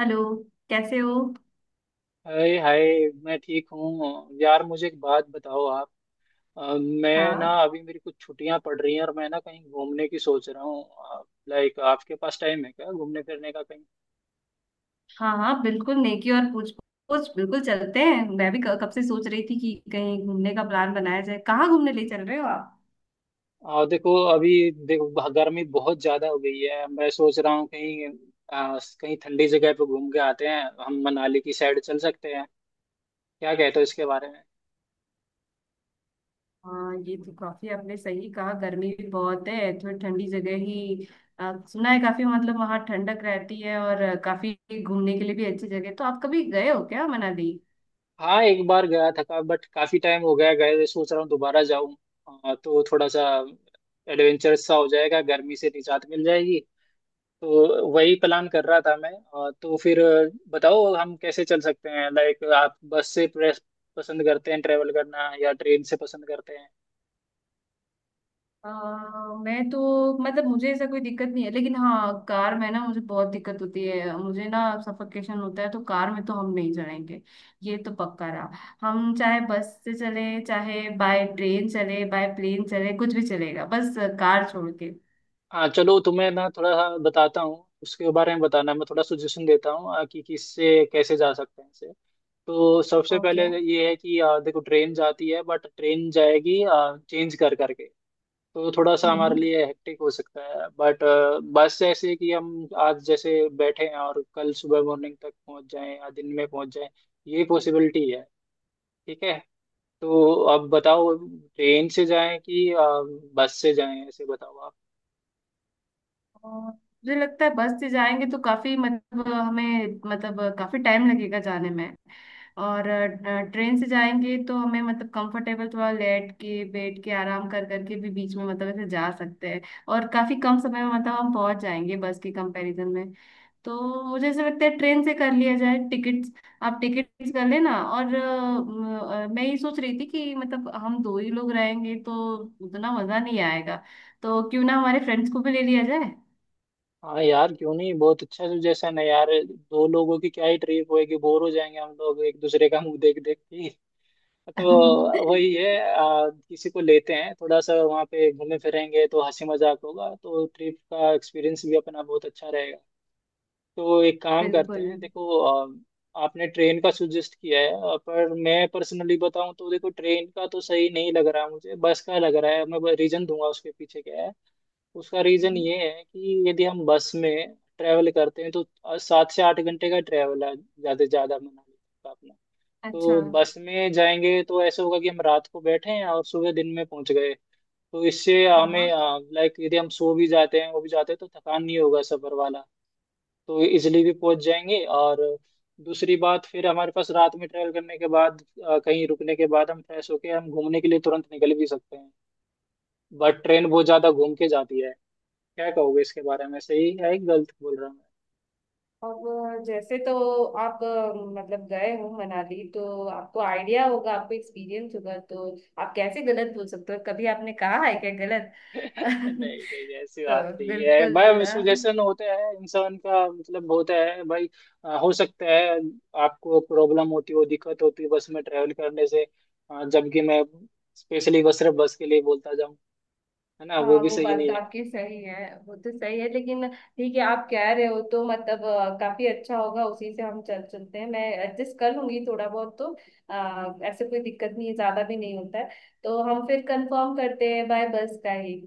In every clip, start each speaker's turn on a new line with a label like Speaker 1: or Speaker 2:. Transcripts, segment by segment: Speaker 1: Hello. कैसे हो?
Speaker 2: Hi, hi. मैं ठीक हूँ यार। मुझे एक बात बताओ आप। अ, मैं ना
Speaker 1: हाँ
Speaker 2: अभी मेरी कुछ छुट्टियां पड़ रही हैं, और मैं ना कहीं घूमने की सोच रहा हूँ। लाइक आपके पास टाइम है क्या घूमने फिरने का कहीं?
Speaker 1: हाँ हाँ बिल्कुल, नेकी और पूछ पूछ। बिल्कुल चलते हैं, मैं भी कब से सोच रही थी कि कहीं घूमने का प्लान बनाया जाए। कहाँ घूमने ले चल रहे हो आप?
Speaker 2: देखो, अभी देखो, गर्मी बहुत ज्यादा हो गई है। मैं सोच रहा हूँ कहीं कहीं ठंडी जगह पे घूम के आते हैं हम। मनाली की साइड चल सकते हैं। क्या कहते हो इसके बारे में?
Speaker 1: हाँ, ये तो काफी आपने सही कहा, गर्मी भी बहुत है, थोड़ी ठंडी जगह ही। सुना है काफी मतलब वहाँ ठंडक रहती है, और काफी घूमने के लिए भी अच्छी जगह है। तो आप कभी गए हो क्या मनाली?
Speaker 2: हाँ, एक बार गया था बट काफी टाइम हो गया गए हुए, सोच रहा हूँ दोबारा जाऊँ। तो थोड़ा सा एडवेंचर सा हो जाएगा, गर्मी से निजात मिल जाएगी। तो वही प्लान कर रहा था मैं। तो फिर बताओ हम कैसे चल सकते हैं। लाइक आप बस से प्रेस पसंद करते हैं ट्रेवल करना या ट्रेन से पसंद करते हैं?
Speaker 1: अ, मैं तो मतलब मुझे ऐसा कोई दिक्कत नहीं है, लेकिन हाँ कार में ना मुझे बहुत दिक्कत होती है, मुझे ना सफोकेशन होता है, तो कार में तो हम नहीं चलेंगे। ये तो पक्का रहा। हम चाहे बस से चले, चाहे बाय ट्रेन चले, बाय प्लेन चले, कुछ भी चलेगा, बस कार छोड़ के।
Speaker 2: हाँ चलो, तुम्हें ना थोड़ा सा बताता हूँ उसके बारे में। बताना मैं थोड़ा सजेशन देता हूँ कि किससे कैसे जा सकते हैं इसे। तो सबसे पहले
Speaker 1: ओके।
Speaker 2: ये है कि देखो, ट्रेन जाती है बट ट्रेन जाएगी चेंज कर करके। तो थोड़ा सा हमारे
Speaker 1: हम्म
Speaker 2: लिए हेक्टिक हो सकता है। बट बस जैसे कि हम आज जैसे बैठे हैं और कल सुबह मॉर्निंग तक पहुंच जाएं या दिन में पहुंच जाएं। ये पॉसिबिलिटी है। ठीक है। तो अब बताओ ट्रेन से जाएं कि बस से जाएं, ऐसे बताओ आप।
Speaker 1: और मुझे लगता है बस से जाएंगे तो काफी मतलब हमें मतलब काफी टाइम लगेगा जाने में। और ट्रेन से जाएंगे तो हमें मतलब कंफर्टेबल थोड़ा लेट के बैठ के आराम कर करके भी बीच में मतलब ऐसे जा सकते हैं, और काफी कम समय में मतलब हम पहुंच जाएंगे बस के कंपैरिजन में। तो मुझे ऐसा लगता है ट्रेन से कर लिया जाए टिकट्स। आप टिकट्स कर लेना। और मैं ये सोच रही थी कि मतलब हम दो ही लोग रहेंगे तो उतना मजा नहीं आएगा, तो क्यों ना हमारे फ्रेंड्स को भी ले लिया जाए?
Speaker 2: हाँ यार, क्यों नहीं। बहुत अच्छा सजेशन है यार। दो लोगों की क्या ही ट्रिप होएगी, बोर हो जाएंगे हम लोग एक दूसरे का मुंह देख देख के। तो वही है, किसी को लेते हैं। थोड़ा सा वहाँ पे घूमे फिरेंगे तो हंसी मजाक होगा, तो ट्रिप का एक्सपीरियंस भी अपना बहुत अच्छा रहेगा। तो एक काम करते
Speaker 1: बिल्कुल।
Speaker 2: हैं, देखो, आपने ट्रेन का सुजेस्ट किया है, पर मैं पर्सनली बताऊं तो देखो, ट्रेन का तो सही नहीं लग रहा मुझे, बस का लग रहा है। मैं रीजन दूंगा उसके पीछे क्या है। उसका रीजन ये है कि यदि हम बस में ट्रैवल करते हैं तो 7 से 8 घंटे का ट्रैवल है ज्यादा से ज्यादा मनाली का अपना।
Speaker 1: अच्छा।
Speaker 2: तो बस में जाएंगे तो ऐसा होगा कि हम रात को बैठे हैं और सुबह दिन में पहुंच गए। तो इससे
Speaker 1: हाँ हाँ।
Speaker 2: हमें, लाइक यदि हम सो भी जाते हैं वो भी जाते हैं तो थकान नहीं होगा सफर वाला। तो इजिली भी पहुंच जाएंगे। और दूसरी बात, फिर हमारे पास रात में ट्रैवल करने के बाद कहीं रुकने के बाद हम फ्रेश होके हम घूमने के लिए तुरंत निकल भी सकते हैं। बट ट्रेन बहुत ज्यादा घूम के जाती है। क्या कहोगे इसके बारे में? सही है? गलत बोल रहा हूँ मैं?
Speaker 1: अब जैसे तो आप मतलब गए हो मनाली तो आपको आइडिया होगा, आपको एक्सपीरियंस होगा, तो आप कैसे गलत बोल सकते हो? कभी आपने कहा है क्या गलत?
Speaker 2: नहीं, नहीं ऐसी बात
Speaker 1: तो
Speaker 2: नहीं है
Speaker 1: बिल्कुल।
Speaker 2: भाई, सुजेशन होते हैं इंसान का, मतलब होता है भाई। हो सकता है आपको प्रॉब्लम होती हो, दिक्कत होती हो बस में ट्रेवल करने से। जबकि मैं स्पेशली बस सिर्फ बस के लिए बोलता जाऊँ, है ना, वो
Speaker 1: हाँ,
Speaker 2: भी
Speaker 1: वो
Speaker 2: सही
Speaker 1: बात तो
Speaker 2: नहीं है।
Speaker 1: आपकी सही है। वो तो सही है, लेकिन ठीक है, आप कह रहे हो तो मतलब काफी अच्छा होगा, उसी से हम चल चलते हैं, मैं एडजस्ट कर लूंगी थोड़ा बहुत तो। ऐसे कोई दिक्कत नहीं है, ज्यादा भी नहीं होता है। तो हम फिर कंफर्म करते हैं बाय बस का ही।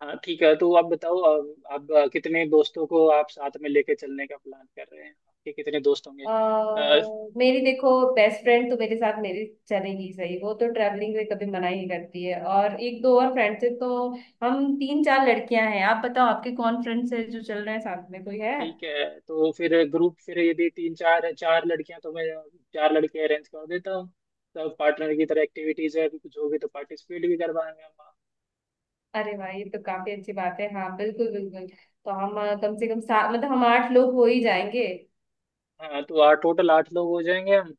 Speaker 2: हाँ ठीक है। तो आप बताओ आप कितने दोस्तों को आप साथ में लेके चलने का प्लान कर रहे हैं? आपके कितने दोस्त होंगे?
Speaker 1: अ, मेरी देखो बेस्ट फ्रेंड तो मेरे साथ मेरी चलेगी सही, वो तो ट्रैवलिंग में कभी मना ही करती है। और एक दो और फ्रेंड से तो हम तीन चार लड़कियां हैं। आप बताओ, आपके कौन फ्रेंड्स हैं जो चल रहे हैं साथ में? कोई है?
Speaker 2: ठीक है तो फिर ग्रुप, फिर यदि तीन चार चार लड़कियां तो मैं चार लड़के अरेंज कर देता हूँ। सब पार्टनर की तरह एक्टिविटीज है कुछ होगी तो पार्टिसिपेट भी करवाएंगे हम।
Speaker 1: अरे वाह, ये तो काफी अच्छी बात है। हाँ, बिल्कुल बिल्कुल। तो हम कम से कम सात मतलब हम आठ लोग हो ही जाएंगे।
Speaker 2: हाँ तो आठ, टोटल आठ लोग हो जाएंगे हम।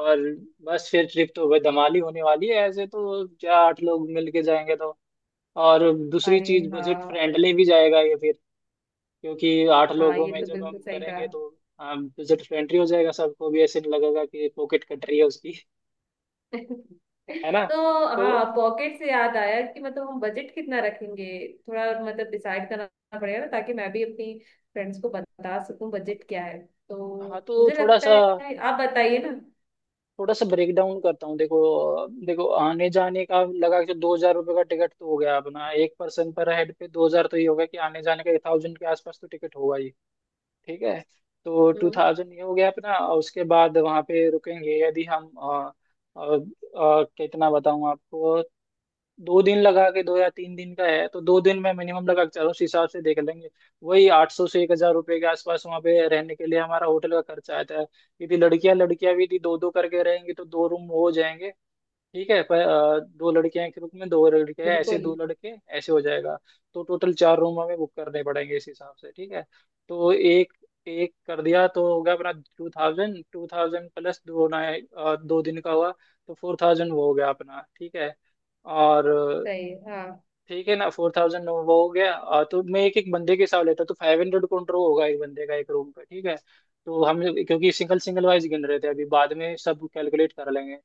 Speaker 2: और बस, फिर ट्रिप तो भाई धमाल ही होने वाली है। ऐसे तो क्या, आठ लोग मिलके जाएंगे तो। और दूसरी
Speaker 1: अरे
Speaker 2: चीज, बजट
Speaker 1: हाँ।
Speaker 2: फ्रेंडली भी जाएगा ये फिर क्योंकि आठ
Speaker 1: हाँ,
Speaker 2: लोगों
Speaker 1: ये
Speaker 2: में
Speaker 1: तो
Speaker 2: जब हम
Speaker 1: बिल्कुल सही कहा।
Speaker 2: करेंगे तो बजट फ्रेंडली हो जाएगा, सबको भी ऐसे नहीं लगेगा कि पॉकेट कट रही है उसकी। है ना।
Speaker 1: तो
Speaker 2: तो
Speaker 1: हाँ, पॉकेट से याद आया कि मतलब हम बजट कितना रखेंगे? थोड़ा मतलब डिसाइड करना पड़ेगा ना, ताकि मैं भी अपनी फ्रेंड्स को बता सकूं बजट क्या है।
Speaker 2: हाँ।
Speaker 1: तो
Speaker 2: तो
Speaker 1: मुझे लगता है आप बताइए ना।
Speaker 2: थोड़ा सा ब्रेक डाउन करता हूँ। देखो देखो, आने जाने का लगा के 2,000 रुपये का टिकट तो हो गया अपना एक पर्सन पर, हेड पे 2,000। तो ये हो गया कि आने जाने का 1,000 के आसपास तो टिकट होगा ही। ठीक है। तो टू
Speaker 1: हम्म।
Speaker 2: थाउजेंड ये हो गया अपना। और उसके बाद वहाँ पे रुकेंगे यदि हम कितना बताऊँ आपको। 2 दिन लगा के, 2 या 3 दिन का है तो 2 दिन में मिनिमम लगा के चलो, उस हिसाब से देख लेंगे। वही 800 से 1,000 रुपये के आसपास वहाँ पे रहने के लिए हमारा होटल का खर्चा आता है। यदि लड़कियां लड़कियां भी यदि दो दो करके रहेंगी तो दो रूम हो जाएंगे। ठीक है, पर दो लड़कियां के रूप में दो लड़के हैं, ऐसे
Speaker 1: बिल्कुल।
Speaker 2: दो लड़के, ऐसे हो जाएगा। तो टोटल चार रूम हमें बुक करने पड़ेंगे इस हिसाब से। ठीक है। तो एक एक कर दिया तो हो गया अपना 2,000, 2,000 प्लस दो ना, दो दिन का हुआ। तो 4,000 वो हो गया अपना, ठीक है। और
Speaker 1: सही है। हाँ,
Speaker 2: ठीक है ना, 4,000 वो हो गया। तो मैं एक एक बंदे के हिसाब लेता तो 500 कॉन्ट्रो होगा एक बंदे का एक रूम का। ठीक है। तो हम क्योंकि सिंगल सिंगल वाइज गिन रहे थे अभी, बाद में सब कैलकुलेट कर लेंगे।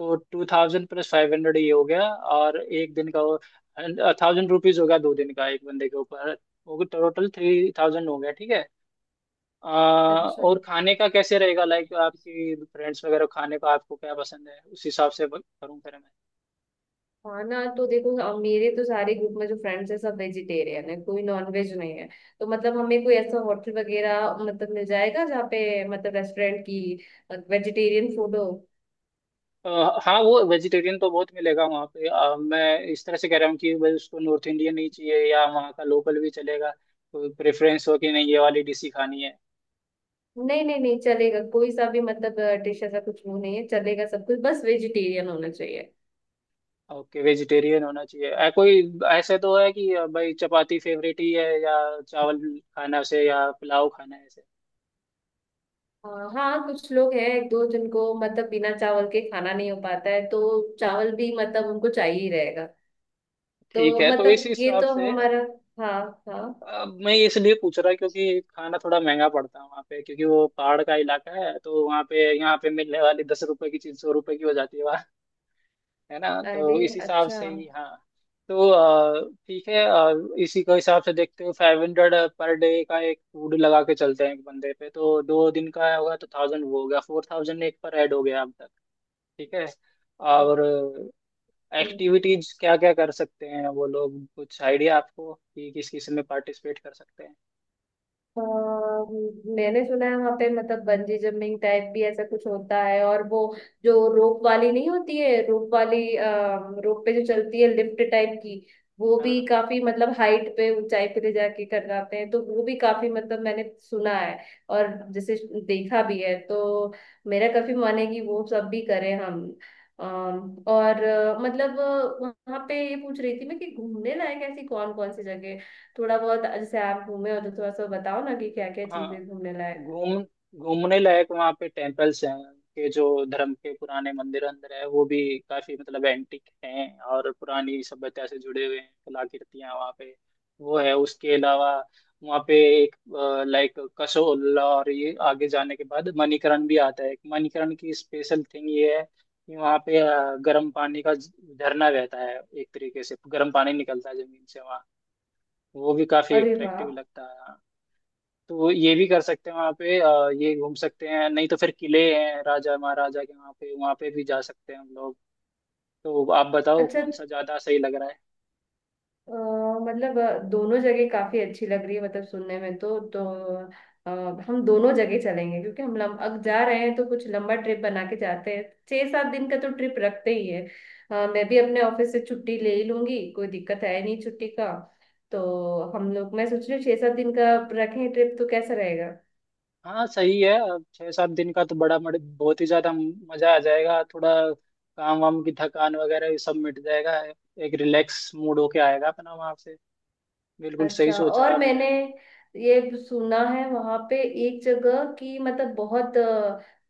Speaker 2: तो 2,000 प्लस 500 ये हो गया, और 1 दिन का वो 1,000 रुपीज हो गया, 2 दिन का एक बंदे के ऊपर। वो टोटल 3,000 हो गया। ठीक है। आ,
Speaker 1: अच्छा।
Speaker 2: और खाने का कैसे रहेगा? लाइक आपकी फ्रेंड्स वगैरह खाने का आपको क्या पसंद है? उस हिसाब से करूँ फिर।
Speaker 1: खाना तो देखो, अब मेरे तो सारे ग्रुप में जो फ्रेंड्स है सब वेजिटेरियन है, कोई नॉन वेज नहीं है। तो मतलब हमें कोई ऐसा होटल वगैरह मतलब मिल जाएगा जहाँ पे मतलब रेस्टोरेंट की वेजिटेरियन फूड हो।
Speaker 2: अ, हाँ, वो वेजिटेरियन तो बहुत मिलेगा वहाँ पे। मैं इस तरह से कह रहा हूँ कि भाई, उसको नॉर्थ इंडियन ही चाहिए या वहाँ का लोकल भी चलेगा? कोई प्रेफरेंस हो कि नहीं, ये वाली डिश ही खानी है?
Speaker 1: नहीं नहीं नहीं, चलेगा कोई सा भी मतलब डिश, ऐसा कुछ वो नहीं है, चलेगा सब कुछ, बस वेजिटेरियन होना चाहिए।
Speaker 2: ओके, वेजिटेरियन होना चाहिए। कोई ऐसे तो है कि भाई चपाती फेवरेट ही है, या चावल खाना से, या पुलाव खाना है ऐसे?
Speaker 1: हाँ हाँ, कुछ लोग हैं एक दो जिनको मतलब बिना चावल के खाना नहीं हो पाता है, तो चावल भी मतलब उनको चाहिए ही रहेगा।
Speaker 2: ठीक
Speaker 1: तो
Speaker 2: है तो इस
Speaker 1: मतलब ये
Speaker 2: हिसाब
Speaker 1: तो
Speaker 2: से,
Speaker 1: हमारा। हाँ। हाँ।
Speaker 2: मैं इसलिए पूछ रहा क्योंकि खाना थोड़ा महंगा पड़ता है वहाँ पे, क्योंकि वो पहाड़ का इलाका है तो वहाँ पे, यहाँ पे मिलने वाली 10 रुपए की चीज 100 रुपए की हो जाती है। है ना।
Speaker 1: अरे
Speaker 2: तो इस हिसाब
Speaker 1: अच्छा।
Speaker 2: से ही, हाँ। तो ठीक है। इसी के हिसाब से देखते हो, 500 पर डे का एक फूड लगा के चलते हैं एक बंदे पे तो 2 दिन का होगा तो 1,000 वो हो गया। 4,000 एक पर ऐड हो गया अब तक। ठीक है। और एक्टिविटीज क्या क्या कर सकते हैं वो लोग, कुछ आइडिया आपको कि किस किस में पार्टिसिपेट कर सकते हैं?
Speaker 1: अ, मैंने सुना है वहां पे मतलब बंजी जंपिंग टाइप भी ऐसा कुछ होता है। और वो जो रोप वाली नहीं होती है, रोप वाली रोप पे जो चलती है लिफ्ट टाइप की, वो भी
Speaker 2: हाँ
Speaker 1: काफी मतलब हाइट पे, ऊंचाई पे ले जाके करवाते हैं, तो वो भी काफी मतलब मैंने सुना है और जैसे देखा भी है, तो मेरा काफी मन है कि वो सब भी करें हम। और मतलब वहां पे ये पूछ रही थी मैं कि घूमने लायक ऐसी कौन कौन सी जगह है? थोड़ा बहुत जैसे आप घूमे हो तो थोड़ा सा बताओ ना कि क्या क्या
Speaker 2: हाँ।
Speaker 1: चीजें घूमने लायक।
Speaker 2: घूम घूमने लायक वहाँ पे टेम्पल्स हैं, के जो धर्म के पुराने मंदिर अंदर है वो भी काफी मतलब एंटिक हैं और पुरानी सभ्यता से जुड़े हुए हैं कलाकृतियां वहाँ पे। वो है उसके अलावा। वहाँ पे एक, लाइक कसोल, और ये आगे जाने के बाद मणिकरण भी आता है। मणिकरण की स्पेशल थिंग ये है कि वहाँ पे गर्म पानी का झरना बहता है, एक तरीके से गर्म पानी निकलता है जमीन से वहाँ। वो भी काफी
Speaker 1: अरे वाह।
Speaker 2: अट्रैक्टिव लगता है। तो वो ये भी कर सकते हैं वहाँ पे, ये घूम सकते हैं, नहीं तो फिर किले हैं राजा महाराजा के वहाँ पे, वहाँ पे भी जा सकते हैं हम लोग। तो आप बताओ
Speaker 1: अच्छा।
Speaker 2: कौन सा ज्यादा सही लग रहा है?
Speaker 1: अ, मतलब दोनों जगह काफी अच्छी लग रही है मतलब सुनने में, तो अ, हम दोनों जगह चलेंगे, क्योंकि हम अब जा रहे हैं तो कुछ लंबा ट्रिप बना के जाते हैं। 6-7 दिन का तो ट्रिप रखते ही है। मैं भी अपने ऑफिस से छुट्टी ले ही लूंगी, कोई दिक्कत है नहीं छुट्टी का। तो हम लोग, मैं सोच रही हूँ, 6-7 दिन का रखें ट्रिप, तो कैसा रहेगा?
Speaker 2: हाँ सही है। अब 6-7 दिन का तो बड़ा बहुत ही ज्यादा मजा आ जाएगा। थोड़ा काम वाम की थकान वगैरह ये सब मिट जाएगा। एक रिलैक्स मूड होके आएगा अपना वहाँ से। बिल्कुल सही
Speaker 1: अच्छा,
Speaker 2: सोचा
Speaker 1: और
Speaker 2: आपने।
Speaker 1: मैंने ये सुना है वहां पे एक जगह की मतलब बहुत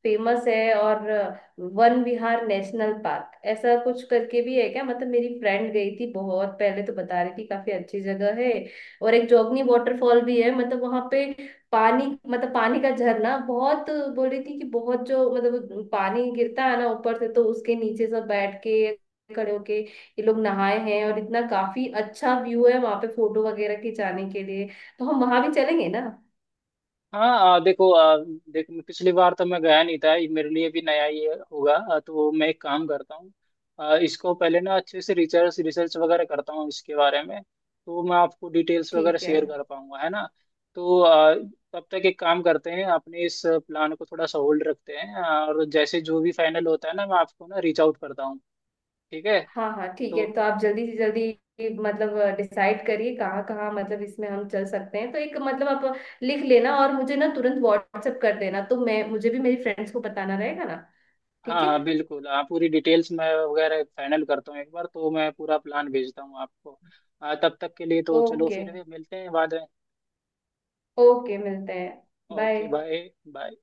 Speaker 1: फेमस है, और वन विहार नेशनल पार्क ऐसा कुछ करके भी है क्या? मतलब मेरी फ्रेंड गई थी बहुत पहले तो बता रही थी काफी अच्छी जगह है। और एक जोगनी वाटरफॉल भी है मतलब वहां पे, पानी मतलब पानी का झरना बहुत, बोल रही थी कि बहुत जो मतलब पानी गिरता है ना ऊपर से, तो उसके नीचे सब बैठ के, खड़े होके ये लोग नहाए हैं, और इतना काफी अच्छा व्यू है वहां पे फोटो वगैरह खिंचाने के लिए। तो हम वहां भी चलेंगे ना?
Speaker 2: हाँ। देखो, देख, पिछली बार तो मैं गया नहीं था, ये मेरे लिए भी नया ही होगा। तो मैं एक काम करता हूँ, इसको पहले ना अच्छे से रिसर्च रिसर्च वगैरह करता हूँ इसके बारे में, तो मैं आपको डिटेल्स वगैरह
Speaker 1: ठीक है।
Speaker 2: शेयर कर पाऊंगा, है ना। तो तब तक एक काम करते हैं, अपने इस प्लान को थोड़ा सा होल्ड रखते हैं, और जैसे जो भी फाइनल होता है ना, मैं आपको ना रीच आउट करता हूँ। ठीक है।
Speaker 1: हाँ हाँ ठीक है।
Speaker 2: तो
Speaker 1: तो आप जल्दी से जल्दी मतलब डिसाइड करिए कहाँ कहाँ मतलब इसमें हम चल सकते हैं, तो एक मतलब आप लिख लेना और मुझे ना तुरंत व्हाट्सएप कर देना, तो मैं, मुझे भी मेरी फ्रेंड्स को बताना रहेगा ना।
Speaker 2: हाँ
Speaker 1: ठीक है।
Speaker 2: हाँ बिल्कुल। आप पूरी डिटेल्स मैं वगैरह फाइनल करता हूँ एक बार, तो मैं पूरा प्लान भेजता हूँ आपको। तब तक के लिए तो चलो,
Speaker 1: ओके।
Speaker 2: फिर मिलते हैं बाद में।
Speaker 1: ओके, मिलते हैं। बाय।
Speaker 2: Okay, bye bye.